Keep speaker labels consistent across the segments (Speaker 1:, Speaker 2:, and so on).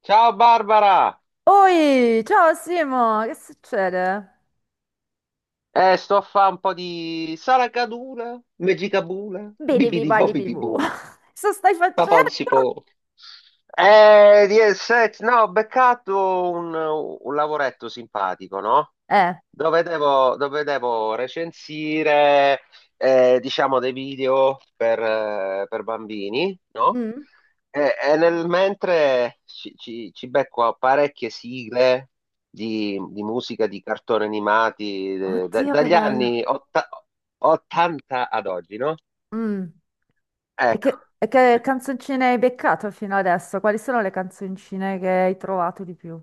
Speaker 1: Ciao Barbara!
Speaker 2: Oi, ciao Simo, che succede?
Speaker 1: Sto a fare un po' di saracadula, megicabula,
Speaker 2: Bidi
Speaker 1: bibidi
Speaker 2: bibali
Speaker 1: bobidi
Speaker 2: bibu.
Speaker 1: bu,
Speaker 2: Cosa stai
Speaker 1: papà non
Speaker 2: facendo?
Speaker 1: si può. Di set, no, Ho beccato un lavoretto simpatico, no?
Speaker 2: Eh.
Speaker 1: Dove devo recensire, diciamo, dei video per bambini, no?
Speaker 2: Mm.
Speaker 1: E nel mentre ci becco a parecchie sigle di musica, di cartoni animati,
Speaker 2: Oddio, che
Speaker 1: dagli
Speaker 2: bello.
Speaker 1: anni 80 ad oggi, no?
Speaker 2: Mm. e
Speaker 1: Ecco.
Speaker 2: che, e che canzoncine hai beccato fino adesso? Quali sono le canzoncine che hai trovato di più?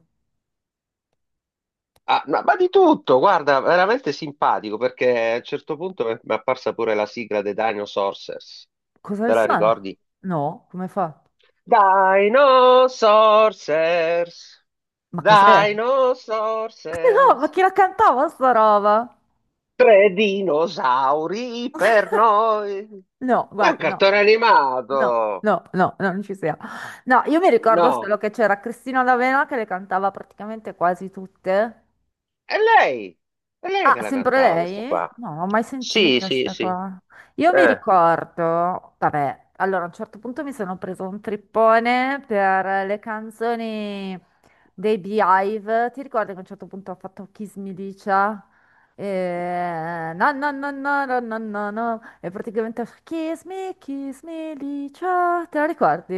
Speaker 1: Ah, ma di tutto, guarda, veramente simpatico perché a un certo punto mi è apparsa pure la sigla dei Dinosaurs.
Speaker 2: Cosa le
Speaker 1: Te la
Speaker 2: suona?
Speaker 1: ricordi?
Speaker 2: No, come fa?
Speaker 1: Dinosaurs,
Speaker 2: Ma cos'è?
Speaker 1: Dinosaurs,
Speaker 2: No, ma chi la cantava sta roba?
Speaker 1: tre dinosauri per noi.
Speaker 2: No,
Speaker 1: È un
Speaker 2: guarda, no.
Speaker 1: cartone
Speaker 2: No,
Speaker 1: animato.
Speaker 2: no, no, no, non ci siamo. No, io mi ricordo
Speaker 1: No,
Speaker 2: solo che c'era Cristina D'Avena che le cantava praticamente quasi tutte.
Speaker 1: è lei, è lei che
Speaker 2: Ah,
Speaker 1: la
Speaker 2: sempre
Speaker 1: cantava questa
Speaker 2: lei?
Speaker 1: qua.
Speaker 2: No, non ho mai
Speaker 1: Sì,
Speaker 2: sentita
Speaker 1: sì,
Speaker 2: sta
Speaker 1: sì.
Speaker 2: qua. Io mi
Speaker 1: Eh.
Speaker 2: ricordo, vabbè, allora a un certo punto mi sono preso un trippone per le canzoni dei Beehive. Ti ricordi che a un certo punto ha fatto Kiss Me Licia? E... No, no, no, no, no, no, no, no. E praticamente Kiss Me, Kiss Me Licia. Te la ricordi?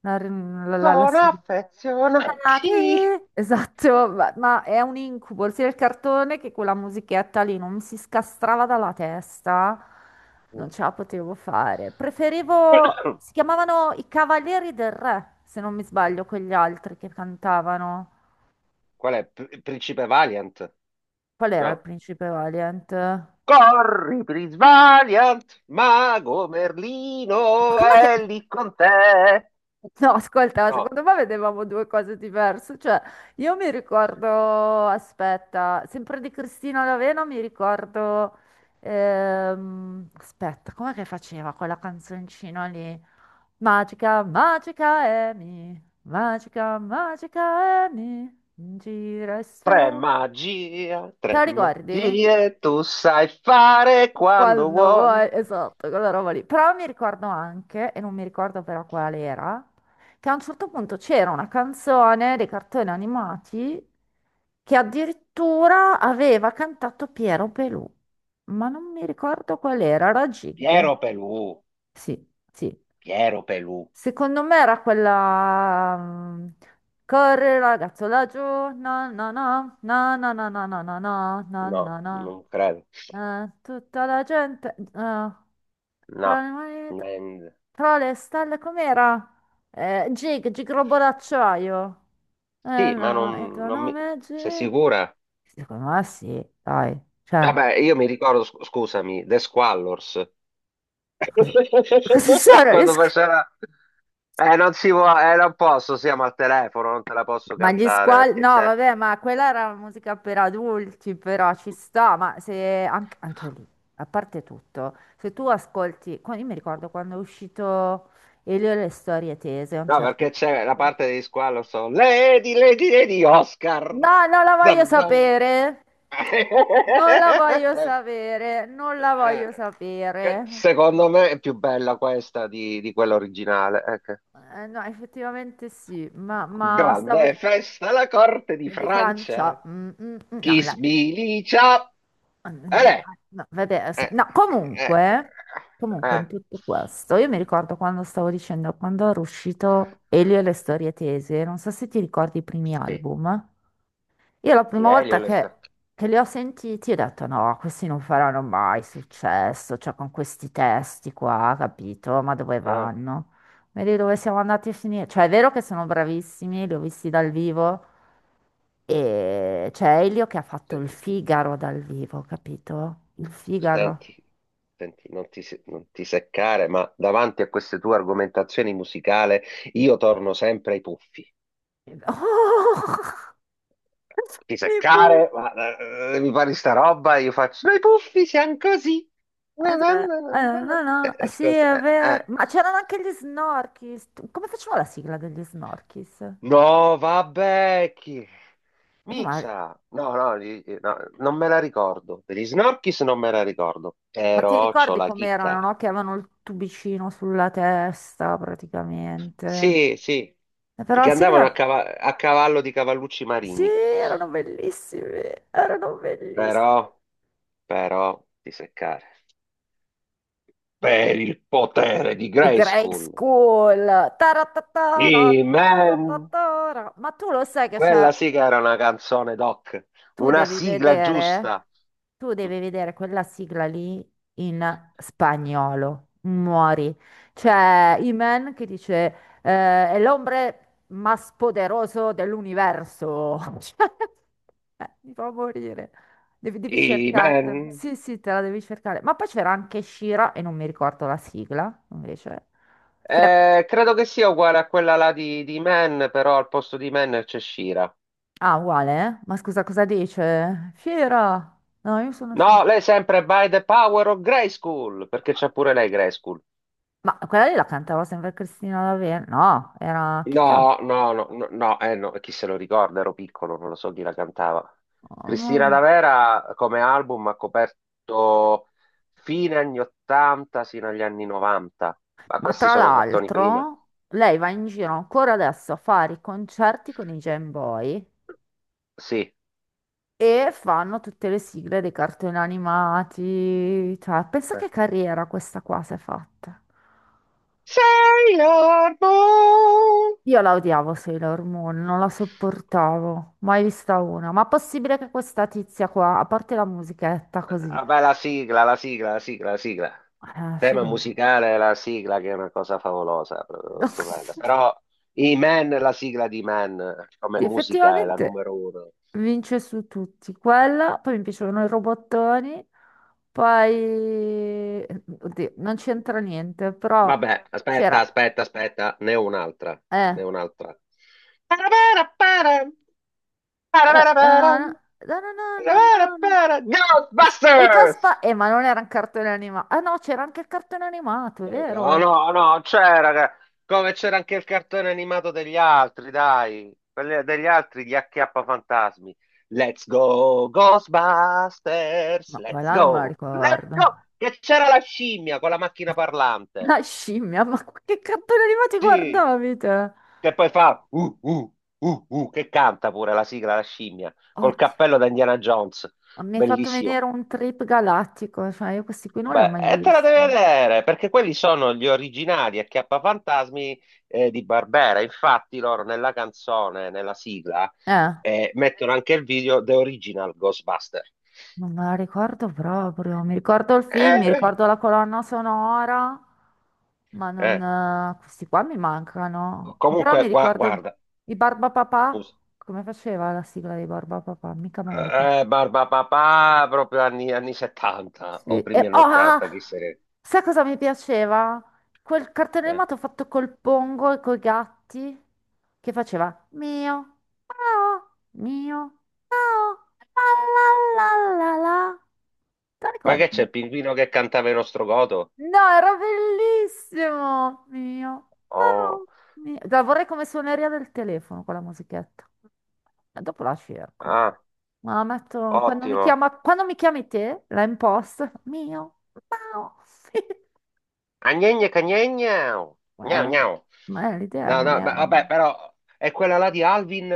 Speaker 2: La
Speaker 1: Sono
Speaker 2: sigla.
Speaker 1: affezionati.
Speaker 2: Estate. Esatto, ma è un incubo, sia il cartone che quella musichetta lì non mi si scastrava dalla testa, non ce la potevo fare. Preferivo, si chiamavano i Cavalieri del Re, se non mi sbaglio, quegli altri che cantavano.
Speaker 1: Qual è? Principe Valiant?
Speaker 2: Qual era il
Speaker 1: No.
Speaker 2: principe Valiant? Ma
Speaker 1: Corri, Prince Valiant, mago Merlino
Speaker 2: com'è che...
Speaker 1: è lì con te.
Speaker 2: No, ascolta,
Speaker 1: No.
Speaker 2: secondo me vedevamo due cose diverse. Cioè, io mi ricordo, aspetta, sempre di Cristina Lavena mi ricordo... aspetta, com'è che faceva quella canzoncina lì? Magica, magica magica, magica Amy, gira e
Speaker 1: Tre
Speaker 2: sfer-
Speaker 1: magia, tre
Speaker 2: Te la ricordi?
Speaker 1: magie, tu sai fare quando
Speaker 2: Quando
Speaker 1: vuoi.
Speaker 2: vuoi, esatto, quella roba lì. Però mi ricordo anche, e non mi ricordo però quale era, che a un certo punto c'era una canzone dei cartoni animati che addirittura aveva cantato Piero Pelù, ma non mi ricordo qual era, era Jig.
Speaker 1: Piero Pelù,
Speaker 2: Sì, sì.
Speaker 1: Piero Pelù.
Speaker 2: Secondo me era quella... Corri ragazzo laggiù, na na na, na na na na na na na
Speaker 1: No,
Speaker 2: na na
Speaker 1: non credo.
Speaker 2: na. Tutta la gente...
Speaker 1: No.
Speaker 2: tra le mani-
Speaker 1: Nen-
Speaker 2: tra le stelle com'era? Gig, Gig Robot d'acciaio. Eh
Speaker 1: Sì, ma
Speaker 2: no, il
Speaker 1: non,
Speaker 2: tuo
Speaker 1: non mi...
Speaker 2: nome è
Speaker 1: Sei
Speaker 2: Gig?
Speaker 1: sicura?
Speaker 2: Secondo me sì, dai. Cioè,
Speaker 1: Vabbè, io mi ricordo, scusami, The Squallors.
Speaker 2: cosa, cosa sono?
Speaker 1: Quando faceva... Non si può, non posso, siamo al telefono, non te la posso
Speaker 2: Ma gli
Speaker 1: cantare
Speaker 2: squali,
Speaker 1: perché
Speaker 2: no,
Speaker 1: c'è...
Speaker 2: vabbè, ma quella era musica per adulti, però ci sta, ma se anche, lì, a parte tutto, se tu ascolti, qua- io mi ricordo quando è uscito Elio e le storie tese a un
Speaker 1: No,
Speaker 2: certo
Speaker 1: perché c'è la
Speaker 2: punto.
Speaker 1: parte degli squalo, so, Lady, Lady, Lady, Oscar.
Speaker 2: No, non la voglio
Speaker 1: Zan, zan.
Speaker 2: sapere, non la voglio sapere, non la
Speaker 1: Eh,
Speaker 2: voglio
Speaker 1: che
Speaker 2: sapere.
Speaker 1: secondo me è più bella questa di quella originale. Ecco.
Speaker 2: No, effettivamente sì, ma, stavo
Speaker 1: Grande festa alla corte di
Speaker 2: di
Speaker 1: Francia.
Speaker 2: Francia,
Speaker 1: Chi
Speaker 2: no, la-
Speaker 1: sbilicia?
Speaker 2: No, vabbè, se-
Speaker 1: eh,
Speaker 2: no,
Speaker 1: eh,
Speaker 2: comunque
Speaker 1: eh,
Speaker 2: in tutto questo, io mi ricordo quando stavo dicendo, quando era uscito Elio e le storie tese, non so se ti ricordi i primi
Speaker 1: sì,
Speaker 2: album, io la
Speaker 1: di
Speaker 2: prima
Speaker 1: Elio
Speaker 2: volta
Speaker 1: le
Speaker 2: che,
Speaker 1: sa-
Speaker 2: che li ho sentiti ho detto no, questi non faranno mai successo, cioè con questi testi qua, capito? Ma dove
Speaker 1: Ah,
Speaker 2: vanno? Vedi dove siamo andati a finire? Cioè è vero che sono bravissimi, li ho visti dal vivo, e c'è Elio che ha fatto il
Speaker 1: senti,
Speaker 2: Figaro dal vivo, capito? Il Figaro.
Speaker 1: senti, senti, non ti seccare, ma davanti a queste tue argomentazioni musicali io torno sempre ai puffi.
Speaker 2: Oh!
Speaker 1: Ti
Speaker 2: E poi-
Speaker 1: seccare, ma mi pare sta roba, io faccio, ma i puffi siamo così. Eh,
Speaker 2: dove- no,
Speaker 1: eh,
Speaker 2: no, sì,
Speaker 1: scusa
Speaker 2: è
Speaker 1: eh.
Speaker 2: vero. Ma c'erano anche gli Snorkis. Tu- Come facevano la sigla degli Snorkis?
Speaker 1: No, vabbè, chi...
Speaker 2: No, ma,
Speaker 1: Mizza! No, no, no, non me la ricordo. Per gli Snorkis non me la ricordo,
Speaker 2: ma ti
Speaker 1: però c'ho
Speaker 2: ricordi
Speaker 1: la
Speaker 2: com'erano,
Speaker 1: chicca.
Speaker 2: no? Che avevano il tubicino sulla testa, praticamente.
Speaker 1: Sì, sì,
Speaker 2: Però la
Speaker 1: che andavano a,
Speaker 2: sigla...
Speaker 1: cava- a cavallo di cavallucci
Speaker 2: Sì,
Speaker 1: marini.
Speaker 2: erano bellissimi, erano bellissimi.
Speaker 1: Però, però, di seccare. Per il potere di
Speaker 2: Di Grey
Speaker 1: Grayskull.
Speaker 2: School. Taratatara,
Speaker 1: Amen!
Speaker 2: taratatara. Ma tu lo sai che c'è,
Speaker 1: Quella sì che era una canzone, Doc.
Speaker 2: tu
Speaker 1: Una
Speaker 2: devi
Speaker 1: sigla giusta.
Speaker 2: vedere, tu devi vedere quella sigla lì in spagnolo. Muori. C'è Iman che dice eh, è l'ombre más poderoso dell'universo. Cioè, mi fa morire. Devi, devi cercartela.
Speaker 1: Amen!
Speaker 2: Sì, sì, te la devi cercare. Ma poi c'era anche Shira e non mi ricordo la sigla, invece. Che
Speaker 1: Credo che sia uguale a quella là di Man, però al posto di Man c'è Shira.
Speaker 2: Ah, uguale, eh? Ma scusa, cosa dice? Fiera! No, io sono... sci-
Speaker 1: No, lei è sempre by the power of Grayskull, perché c'è pure lei Grayskull.
Speaker 2: Ma quella lì la cantava sempre Cristina D'Avena? No, era... Chi ca-
Speaker 1: No, no, no, no, no, no, chi se lo ricorda, ero piccolo, non lo so chi la cantava.
Speaker 2: oh,
Speaker 1: Cristina
Speaker 2: no.
Speaker 1: D'Avera come album ha coperto fine anni 80 sino agli anni 90, ma
Speaker 2: Ma
Speaker 1: questi
Speaker 2: tra
Speaker 1: sono cartoni prima.
Speaker 2: l'altro, lei va in giro ancora adesso a fare i concerti con i Jam Boy
Speaker 1: Sì.
Speaker 2: e fanno tutte le sigle dei cartoni animati. Cioè, pensa
Speaker 1: eh.
Speaker 2: che carriera questa qua si è fatta.
Speaker 1: Sailor Moon!
Speaker 2: Io la odiavo Sailor Moon, non la sopportavo, mai vista una. Ma possibile che questa tizia qua, a parte la musichetta così,
Speaker 1: Ah, beh, la sigla, la sigla, la sigla, la sigla.
Speaker 2: ah,
Speaker 1: Tema
Speaker 2: figo.
Speaker 1: musicale, la sigla che è una cosa favolosa, proprio stupenda. Però i Man, la sigla di Man, come
Speaker 2: Sì,
Speaker 1: musica è la
Speaker 2: effettivamente
Speaker 1: numero uno.
Speaker 2: vince su tutti. Quella, poi mi piacevano i robottoni, poi... Oddio, non c'entra niente, però
Speaker 1: Vabbè, aspetta,
Speaker 2: c'era...
Speaker 1: aspetta, aspetta, ne ho un'altra,
Speaker 2: Eh,
Speaker 1: ne ho un'altra. Parabara, para, parabara, para,
Speaker 2: no, no, no, no, no,
Speaker 1: parabara,
Speaker 2: no, no.
Speaker 1: para.
Speaker 2: No. I
Speaker 1: Ghostbusters!
Speaker 2: Caspa... ma non era un cartone animato. Ah no, c'era anche il cartone animato, è
Speaker 1: Oh
Speaker 2: vero?
Speaker 1: no, no, c'era, raga. Come c'era anche il cartone animato degli altri, dai, quelli degli altri, gli acchiappafantasmi. Let's go, Ghostbusters,
Speaker 2: Ma quella non me la
Speaker 1: let's go,
Speaker 2: ricordo.
Speaker 1: che c'era la scimmia con la macchina parlante.
Speaker 2: La scimmia, ma che cartone animati
Speaker 1: Sì,
Speaker 2: guardavi te?
Speaker 1: che poi fa, che canta pure la sigla, la scimmia, col
Speaker 2: Oddio.
Speaker 1: cappello da Indiana Jones,
Speaker 2: Mi hai fatto
Speaker 1: bellissimo.
Speaker 2: vedere un trip galattico, cioè io questi qui non li ho
Speaker 1: Beh,
Speaker 2: mai
Speaker 1: e te la devi
Speaker 2: visti.
Speaker 1: vedere, perché quelli sono gli originali Acchiappafantasmi di Barbera. Infatti loro nella canzone, nella sigla,
Speaker 2: Eh,
Speaker 1: mettono anche il video The Original Ghostbuster.
Speaker 2: non me la ricordo proprio. Mi ricordo il film, mi
Speaker 1: Eh,
Speaker 2: ricordo la colonna sonora, ma non...
Speaker 1: eh.
Speaker 2: questi qua mi mancano. Però
Speaker 1: Comunque,
Speaker 2: mi ricordo
Speaker 1: guarda,
Speaker 2: i Barbapapà,
Speaker 1: scusa.
Speaker 2: come faceva la sigla dei Barbapapà, mica me la ricordo.
Speaker 1: Barba Papà, proprio anni 70
Speaker 2: Sì.
Speaker 1: o
Speaker 2: E,
Speaker 1: primi
Speaker 2: oh,
Speaker 1: anni
Speaker 2: ah,
Speaker 1: 80,
Speaker 2: ah,
Speaker 1: chi se ne...
Speaker 2: sai cosa mi piaceva? Quel cartone
Speaker 1: eh.
Speaker 2: animato fatto col pongo e coi gatti che faceva mio, mio, mio, miau, la la la la la. Te lo
Speaker 1: Ma che c'è,
Speaker 2: ricordi?
Speaker 1: il pinguino che cantava il nostro godo?
Speaker 2: No, era bellissimo! Mio,
Speaker 1: Oh,
Speaker 2: miau, mio. La vorrei come suoneria del telefono con la musichetta. E dopo la cerco.
Speaker 1: ah,
Speaker 2: Ma la metto quando mi
Speaker 1: ottimo.
Speaker 2: chiama, quando mi chiami te, la imposto. Mio, miau.
Speaker 1: Agnegna cagnegna. Gnau
Speaker 2: Eh,
Speaker 1: gnau.
Speaker 2: ma l'idea
Speaker 1: No,
Speaker 2: non
Speaker 1: no,
Speaker 2: era...
Speaker 1: beh, vabbè, però è quella là di Alvin.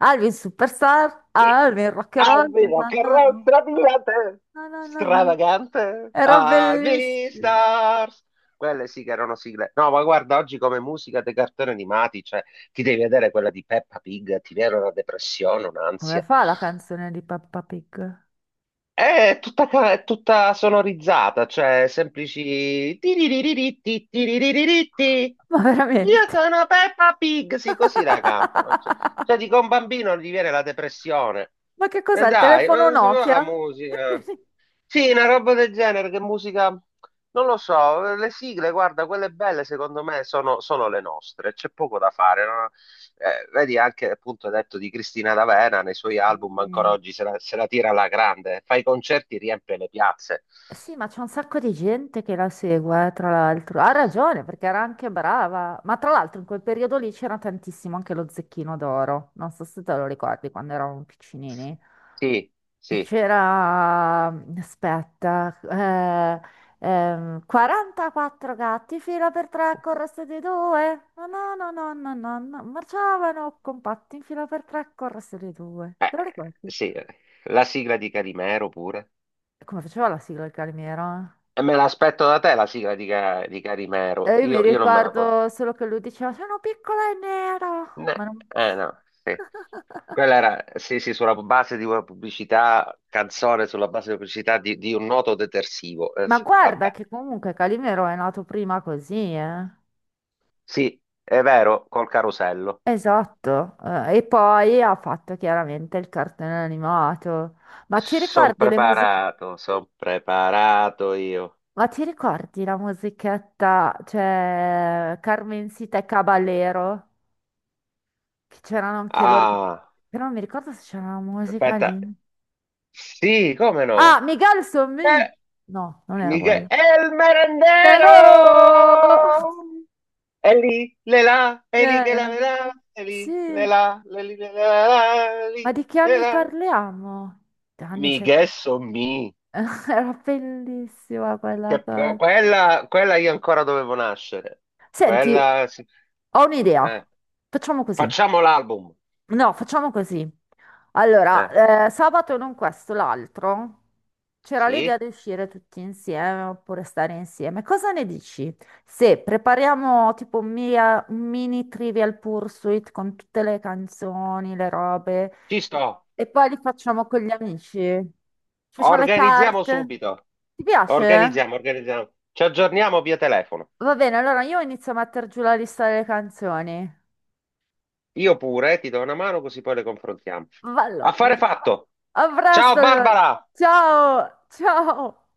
Speaker 2: Alvin Superstar,
Speaker 1: Sì.
Speaker 2: Alvin Rock and Roll,
Speaker 1: Alvino,
Speaker 2: na na na,
Speaker 1: carrozza brillante,
Speaker 2: na na na na.
Speaker 1: Stravagante.
Speaker 2: Era
Speaker 1: Alvin
Speaker 2: bellissimo.
Speaker 1: Stars. Quelle sì che erano sigle. No, ma guarda, oggi come musica dei cartoni animati, cioè, ti devi vedere quella di Peppa Pig, ti viene una depressione,
Speaker 2: Come
Speaker 1: un'ansia.
Speaker 2: fa la canzone di Peppa Pig?
Speaker 1: È tutta sonorizzata, cioè semplici... tiririritti, tiririritti.
Speaker 2: Ma
Speaker 1: Io
Speaker 2: veramente?
Speaker 1: sono Peppa Pig, sì, così la cantano. Cioè, dico, a un bambino gli viene la depressione.
Speaker 2: Ma che
Speaker 1: E
Speaker 2: cos'è? Il
Speaker 1: dai, ma
Speaker 2: telefono
Speaker 1: non si fa la
Speaker 2: Nokia?
Speaker 1: musica. Sì, una roba del genere, che musica, non lo so, le sigle, guarda, quelle belle secondo me sono le nostre, c'è poco da fare, no? Vedi anche appunto hai detto di Cristina D'Avena nei suoi album, ancora
Speaker 2: Sì,
Speaker 1: oggi se la tira alla grande, fa i concerti, riempie le piazze.
Speaker 2: sì, ma c'è un sacco di gente che la segue, tra l'altro. Ha ragione, perché era anche brava. Ma tra l'altro in quel periodo lì c'era tantissimo anche lo Zecchino d'Oro. Non so se te lo ricordi quando eravamo piccinini.
Speaker 1: Sì, sì,
Speaker 2: C'era, aspetta, 44 gatti, fila per tre, corresse di due. No, no, no, no, no, no, no, marciavano compatti in fila per tre, corresse di due. Te lo ricordi?
Speaker 1: sì, la sigla di Carimero pure.
Speaker 2: Come faceva la sigla il calmiero? Eh?
Speaker 1: E me l'aspetto da te la sigla di Carimero,
Speaker 2: E io mi
Speaker 1: io non me la posso...
Speaker 2: ricordo solo che lui diceva, sono piccola e nera. Ma, non-
Speaker 1: No, sì. Quella era, sì, sì, sulla base di una pubblicità, canzone sulla base di una pubblicità di un noto detersivo.
Speaker 2: Ma
Speaker 1: Sì,
Speaker 2: guarda
Speaker 1: vabbè,
Speaker 2: che comunque Calimero è nato prima così, eh.
Speaker 1: sì, è vero, col carosello.
Speaker 2: Esatto, e poi ha fatto chiaramente il cartone animato. Ma ci ricordi le musiche?
Speaker 1: Sono preparato io.
Speaker 2: Ma ci ricordi la musichetta, cioè Carmencita e Caballero? Che c'erano anche loro.
Speaker 1: Ah,
Speaker 2: Però non mi ricordo se c'era una musica
Speaker 1: aspetta,
Speaker 2: lì.
Speaker 1: sì, come
Speaker 2: Ah,
Speaker 1: no?
Speaker 2: Miguel son me!
Speaker 1: Eh,
Speaker 2: No, non era
Speaker 1: Michele,
Speaker 2: quella.
Speaker 1: è il
Speaker 2: Però!
Speaker 1: merendero! È lì, le là, è lì che
Speaker 2: Eh,
Speaker 1: la le là, è lì, le
Speaker 2: sì,
Speaker 1: là, le lì, le là, le
Speaker 2: ma
Speaker 1: lì,
Speaker 2: di che
Speaker 1: le
Speaker 2: anni
Speaker 1: là.
Speaker 2: parliamo? Anni
Speaker 1: Mi
Speaker 2: 70,
Speaker 1: ghesso mi.
Speaker 2: era bellissima quella
Speaker 1: Però
Speaker 2: cosa.
Speaker 1: quella io ancora dovevo nascere.
Speaker 2: Senti,
Speaker 1: Quella, sì.
Speaker 2: ho un'idea.
Speaker 1: Eh,
Speaker 2: Facciamo così.
Speaker 1: Facciamo l'album.
Speaker 2: No, facciamo così.
Speaker 1: Eh,
Speaker 2: Allora, sabato non questo, l'altro. C'era l'idea
Speaker 1: sì,
Speaker 2: di uscire tutti insieme oppure stare insieme. Cosa ne dici? Se prepariamo tipo un, mia- un mini Trivial Pursuit con tutte le canzoni, le robe,
Speaker 1: ci sto.
Speaker 2: e poi li facciamo con gli amici. Ci facciamo le
Speaker 1: Organizziamo
Speaker 2: carte.
Speaker 1: subito.
Speaker 2: Ti piace?
Speaker 1: Organizziamo, organizziamo. Ci aggiorniamo via telefono.
Speaker 2: Va bene, allora io inizio a mettere giù la lista delle canzoni.
Speaker 1: Io pure, ti do una mano così poi le confrontiamo.
Speaker 2: Vallo.
Speaker 1: Affare fatto.
Speaker 2: A
Speaker 1: Ciao
Speaker 2: presto allora.
Speaker 1: Barbara.
Speaker 2: Ciao, ciao.